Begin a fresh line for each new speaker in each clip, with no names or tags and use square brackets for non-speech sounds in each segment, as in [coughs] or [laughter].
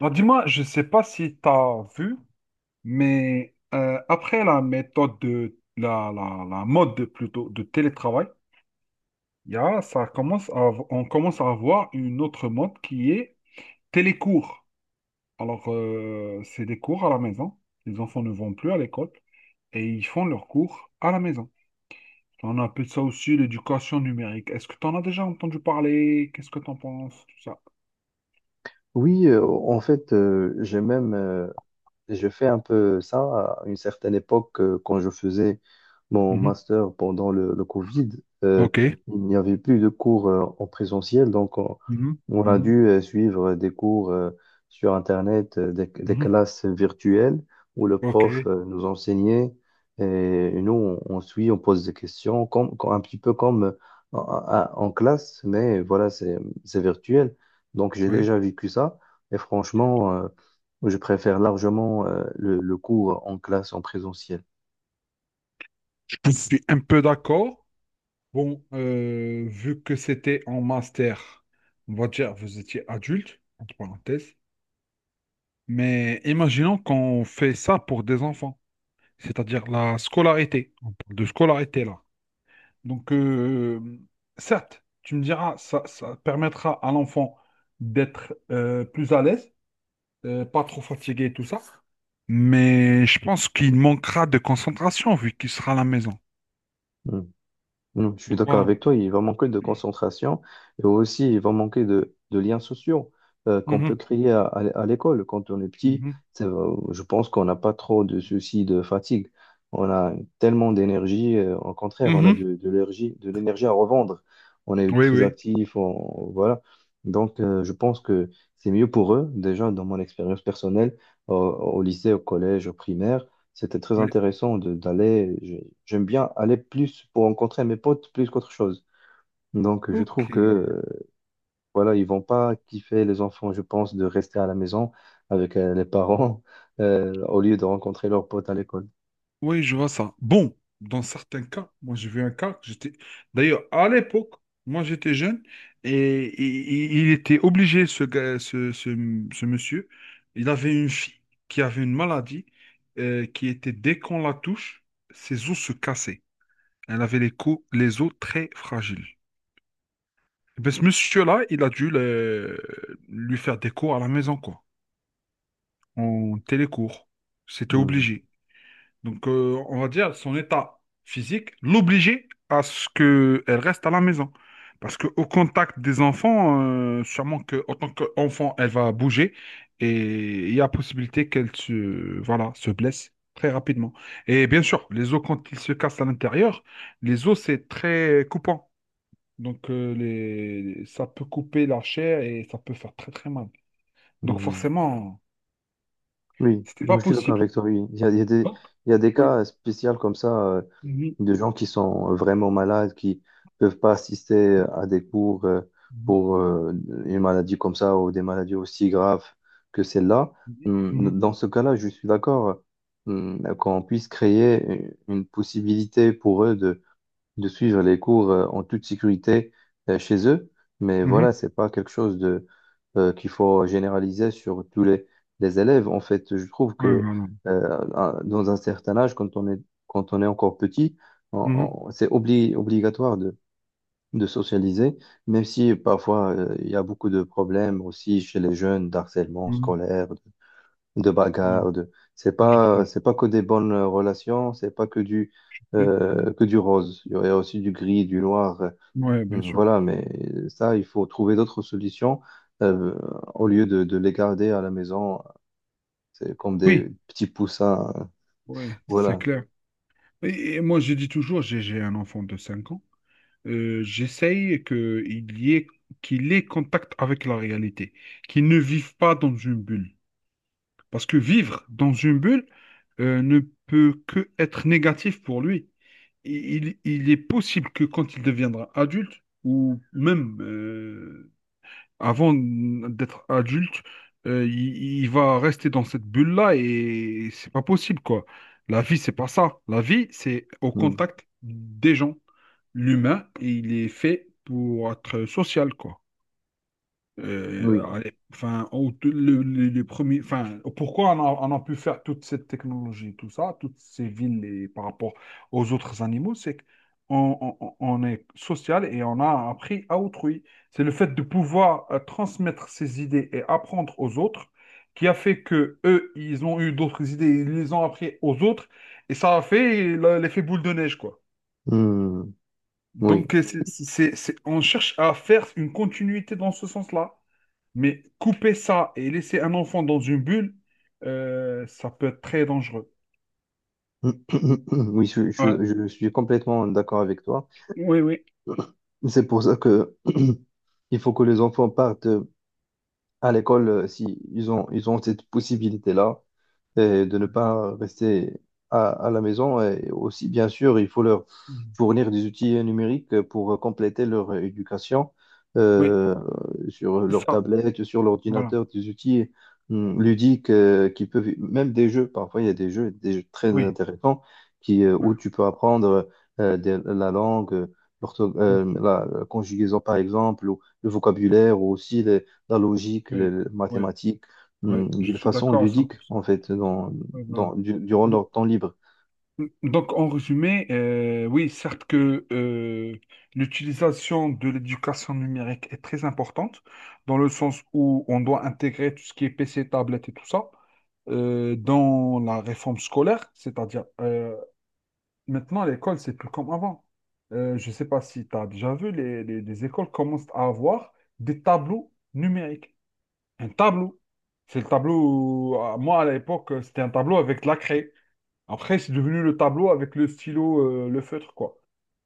Alors, dis-moi, je sais pas si tu as vu, mais après la méthode de la mode plutôt de télétravail, il y a, ça commence à, av- on commence à avoir une autre mode qui est télécours. C'est des cours à la maison. Les enfants ne vont plus à l'école et ils font leurs cours à la maison. On appelle ça aussi l'éducation numérique. Est-ce que tu en as déjà entendu parler? Qu'est-ce que tu en penses? Tout ça.
Oui, en fait, j'ai même et Je fais un peu ça à une certaine époque quand je faisais mon
Mhm.
master pendant le Covid. euh,
Ok.
il n'y avait plus de cours en présentiel, donc
Mhm.
on a
Mhm.
dû suivre des cours sur Internet, des
Mhm.
classes virtuelles où le
Ok.
prof nous enseignait et nous on suit, on pose des questions, un petit peu comme en classe, mais voilà, c'est virtuel. Donc j'ai
Ouais.
déjà vécu ça et franchement, je préfère largement le cours en classe, en présentiel.
Je suis un peu d'accord. Vu que c'était en master, on va dire vous étiez adulte, entre parenthèses, mais imaginons qu'on fait ça pour des enfants, c'est-à-dire la scolarité. On parle de scolarité là. Donc, euh, Certes, tu me diras, ça permettra à l'enfant d'être plus à l'aise, pas trop fatigué et tout ça, mais je pense qu'il manquera de concentration vu qu'il sera à la maison.
Mm. Mm, je suis
Donc
d'accord
voilà.
avec toi, il va manquer de concentration et aussi il va manquer de liens sociaux qu'on peut
Mhm,
créer à l'école. Quand on est petit,
mhm.
je pense qu'on n'a pas trop de soucis de fatigue. On a tellement d'énergie, au contraire, on a
Mhm.
de l'énergie à revendre. On est
Oui,
très
oui,
actif, voilà. Donc je pense que c'est mieux pour eux, déjà dans mon expérience personnelle, au lycée, au collège, au primaire. C'était très
oui.
intéressant d'aller. J'aime bien aller plus pour rencontrer mes potes plus qu'autre chose. Donc, je trouve
Ok.
que voilà, ils vont pas kiffer les enfants, je pense, de rester à la maison avec les parents [laughs] au lieu de rencontrer leurs potes à l'école.
Oui, je vois ça. Bon, dans certains cas, moi j'ai vu un cas, que j'étais. D'ailleurs, à l'époque, moi j'étais jeune et il était obligé, ce gars, ce monsieur, il avait une fille qui avait une maladie qui était, dès qu'on la touche, ses os se cassaient. Elle avait les os très fragiles. Eh ben, ce monsieur-là, il a dû lui faire des cours à la maison, quoi, en télécours. C'était
Mhm.
obligé. On va dire son état physique l'obligeait à ce qu'elle reste à la maison. Parce qu'au contact des enfants, sûrement que, en tant qu'enfant, elle va bouger et il y a possibilité qu'elle se, voilà, se blesse très rapidement. Et bien sûr, les os, quand ils se cassent à l'intérieur, les os, c'est très coupant. Ça peut couper la chair et ça peut faire très très mal. Donc,
Mhm.
forcément,
Oui,
c'était
je
pas
suis d'accord
possible.
avec toi, oui.
Bon.
Il y a des
Oui.
cas spéciaux comme ça,
Mhm.
de gens qui sont vraiment malades, qui peuvent pas assister à des cours
Mhm.
pour une maladie comme ça ou des maladies aussi graves que celle-là.
Mhm. Mhm.
Dans ce cas-là, je suis d'accord qu'on puisse créer une possibilité pour eux de suivre les cours en toute sécurité chez eux. Mais
Mhm.
voilà, c'est pas quelque chose de qu'il faut généraliser sur les élèves. En fait, je trouve
Ouais,
que
voilà.
dans un certain âge, quand on est encore petit,
Mhm.
c'est obligatoire de socialiser, même si parfois il y a beaucoup de problèmes aussi chez les jeunes d'harcèlement
Mhm.
scolaire, de
Voilà.
bagarre, de...
Je tout à.
c'est pas que des bonnes relations, c'est pas que du rose. Il y aurait aussi du gris, du noir.
Ouais, bien sûr.
Voilà, mais ça, il faut trouver d'autres solutions euh, au lieu de les garder à la maison. C'est comme
Oui,
des petits poussins.
ouais, c'est
Voilà.
clair. Et moi, je dis toujours, j'ai un enfant de 5 ans. J'essaye que il y ait, qu'il ait contact avec la réalité, qu'il ne vive pas dans une bulle. Parce que vivre dans une bulle ne peut que être négatif pour lui. Il est possible que quand il deviendra adulte, ou même avant d'être adulte, il va rester dans cette bulle-là et c'est pas possible, quoi. La vie, c'est pas ça. La vie, c'est au
Mm.
contact des gens. L'humain, il est fait pour être social, quoi. Euh,
Oui.
alors, les premiers, enfin, pourquoi on a pu faire toute cette technologie, tout ça, toutes ces villes et par rapport aux autres animaux, c'est qu'on on est social et on a appris à autrui. C'est le fait de pouvoir transmettre ses idées et apprendre aux autres qui a fait que eux, ils ont eu d'autres idées, ils les ont appris aux autres et ça a fait l'effet boule de neige, quoi.
Mm. Oui.
On cherche à faire une continuité dans ce sens-là. Mais couper ça et laisser un enfant dans une bulle, ça peut être très dangereux.
[coughs] [clears throat] Oui,
Ouais.
je suis complètement d'accord avec toi.
Oui, oui.
C'est pour ça que [coughs] [clears throat] il faut que les enfants partent. À l'école, si ils ont cette possibilité-là et de ne pas rester à la maison. Et aussi, bien sûr, il faut leur
Mhm.
fournir des outils numériques pour compléter leur éducation
Oui,
euh, sur
c'est
leur
ça.
tablette, sur
Voilà.
l'ordinateur, des outils ludiques qui peuvent, même des jeux, parfois il y a des jeux très
Oui.
intéressants qui,
Oui.
où tu peux apprendre la langue. l'ortho-
Mhm.
euh, la conjugaison par exemple, ou le vocabulaire, ou aussi la logique, les
Oui. Oui.
mathématiques,
Oui. Je
d'une
suis
façon
d'accord à
ludique, en
100%.
fait,
Oui, voilà.
durant
Do-
leur temps libre.
mmh. Oui, certes que l'utilisation de l'éducation numérique est très importante, dans le sens où on doit intégrer tout ce qui est PC, tablette et tout ça dans la réforme scolaire, c'est-à-dire maintenant, l'école, c'est plus comme avant. Je ne sais pas si tu as déjà vu, les écoles commencent à avoir des tableaux numériques. Un tableau. C'est le tableau, moi à l'époque, c'était un tableau avec de la craie. Après, c'est devenu le tableau avec le stylo, le feutre, quoi.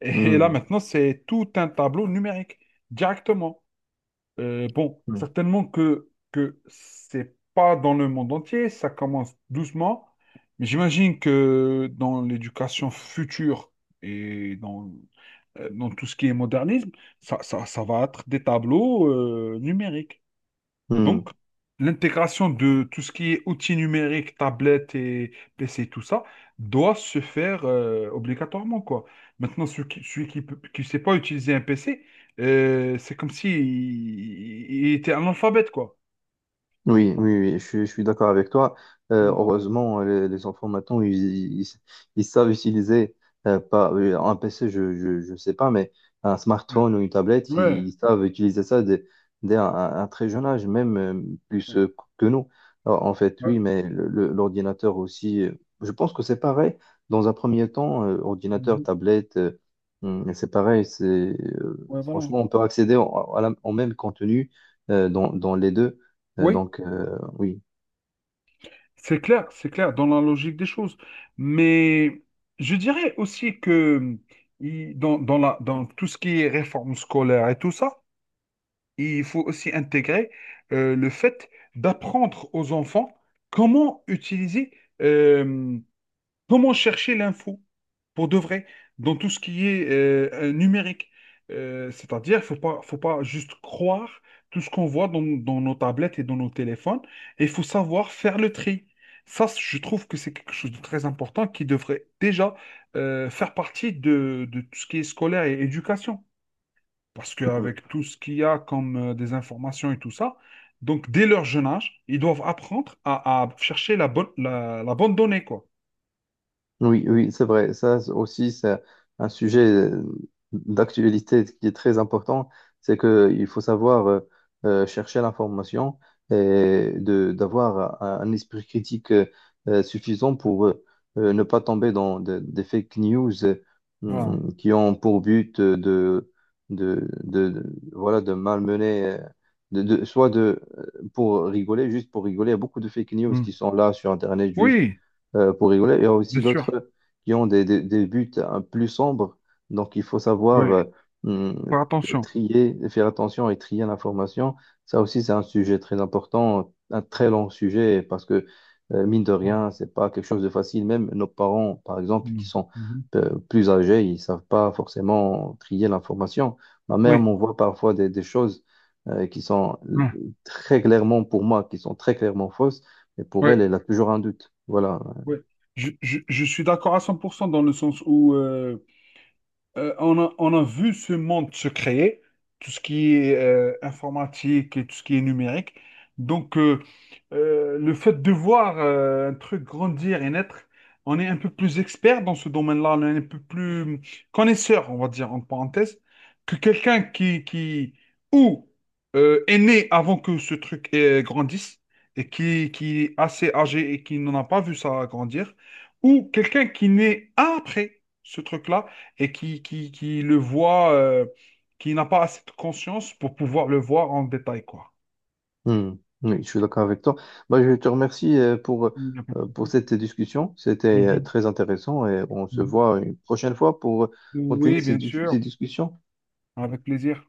Et là,
Hum,
maintenant, c'est tout un tableau numérique, directement.
hum,
Certainement que c'est pas dans le monde entier, ça commence doucement, mais j'imagine que dans l'éducation future et dans, dans tout ce qui est modernisme, ça va être des tableaux numériques. Donc,
hum.
l'intégration de tout ce qui est outils numériques, tablettes et PC, tout ça, doit se faire obligatoirement, quoi. Maintenant, celui qui sait pas utiliser un PC, c'est comme si il, il était analphabète, quoi.
Oui, oui, oui, je suis d'accord avec toi.
Mm.
Heureusement, les enfants maintenant, ils, ils savent utiliser pas, un PC, je sais pas, mais un smartphone ou une tablette,
Ouais.
ils savent utiliser ça dès un très jeune âge, même plus
Ouais.
que nous. Alors, en fait, oui,
Ouais.
mais l'ordinateur aussi, je pense que c'est pareil. Dans un premier temps, ordinateur,
Mhm.
tablette, c'est pareil. C'est,
Ouais, voilà.
franchement, on peut accéder au même contenu dans les deux.
Oui,
Donc, oui.
c'est clair, dans la logique des choses. Mais je dirais aussi que dans tout ce qui est réforme scolaire et tout ça, il faut aussi intégrer le fait d'apprendre aux enfants comment utiliser, euh, comment chercher l'info pour de vrai dans tout ce qui est numérique. C'est-à-dire, faut pas juste croire tout ce qu'on voit dans, dans nos tablettes et dans nos téléphones, et il faut savoir faire le tri. Je trouve que c'est quelque chose de très important qui devrait déjà faire partie de tout ce qui est scolaire et éducation. Parce
Mhm.
qu'avec tout ce qu'il y a comme des informations et tout ça, donc dès leur jeune âge, ils doivent apprendre à chercher la bonne, la bonne donnée, quoi.
Oui, oui, c'est vrai. Ça c'est aussi, c'est un sujet d'actualité qui est très important. C'est qu'il faut savoir chercher l'information et d'avoir un esprit critique suffisant pour ne pas tomber des fake news
Voilà.
qui ont pour but voilà, de malmener, de- soit de, pour rigoler, juste pour rigoler. Il y a beaucoup de fake news qui
Mm.
sont là sur Internet juste
Oui,
pour rigoler. Il y a aussi
bien sûr.
d'autres qui ont des buts hein, plus sombres. Donc, il faut savoir
Oui,
hum,
faire attention.
trier, faire attention et trier l'information. Ça aussi, c'est un sujet très important, un très long sujet, parce que, mine de
Mm.
rien, c'est pas quelque chose de facile. Même nos parents, par exemple, qui
Mm.
sont
Mhm.
plus âgés, ils savent pas forcément trier l'information. Ma mère
Oui,
m'envoie parfois des choses qui sont
Mm.
très clairement pour moi, qui sont très clairement fausses, mais pour
oui,
elle, elle a toujours un doute. Voilà,
oui. Je suis d'accord à 100% dans le sens où, on a vu ce monde se créer, tout ce qui est informatique et tout ce qui est numérique. Donc, euh, le fait de voir un truc grandir et naître, on est un peu plus expert dans ce domaine-là, on est un peu plus connaisseur, on va dire, en parenthèse, que qui ou est né avant que ce truc grandisse et qui est assez âgé et qui n'en a pas vu ça grandir, ou quelqu'un qui naît après ce truc-là et qui le voit, qui n'a pas assez de conscience pour pouvoir le voir en détail, quoi.
Hmm. Oui, je suis d'accord avec toi. Bah, je te remercie
Il n'y a pas de
pour
souci.
cette discussion. C'était
Mhm,
très intéressant et on se
mhm.
voit une prochaine fois pour continuer
Oui, bien
ces
sûr,
discussions.
avec plaisir.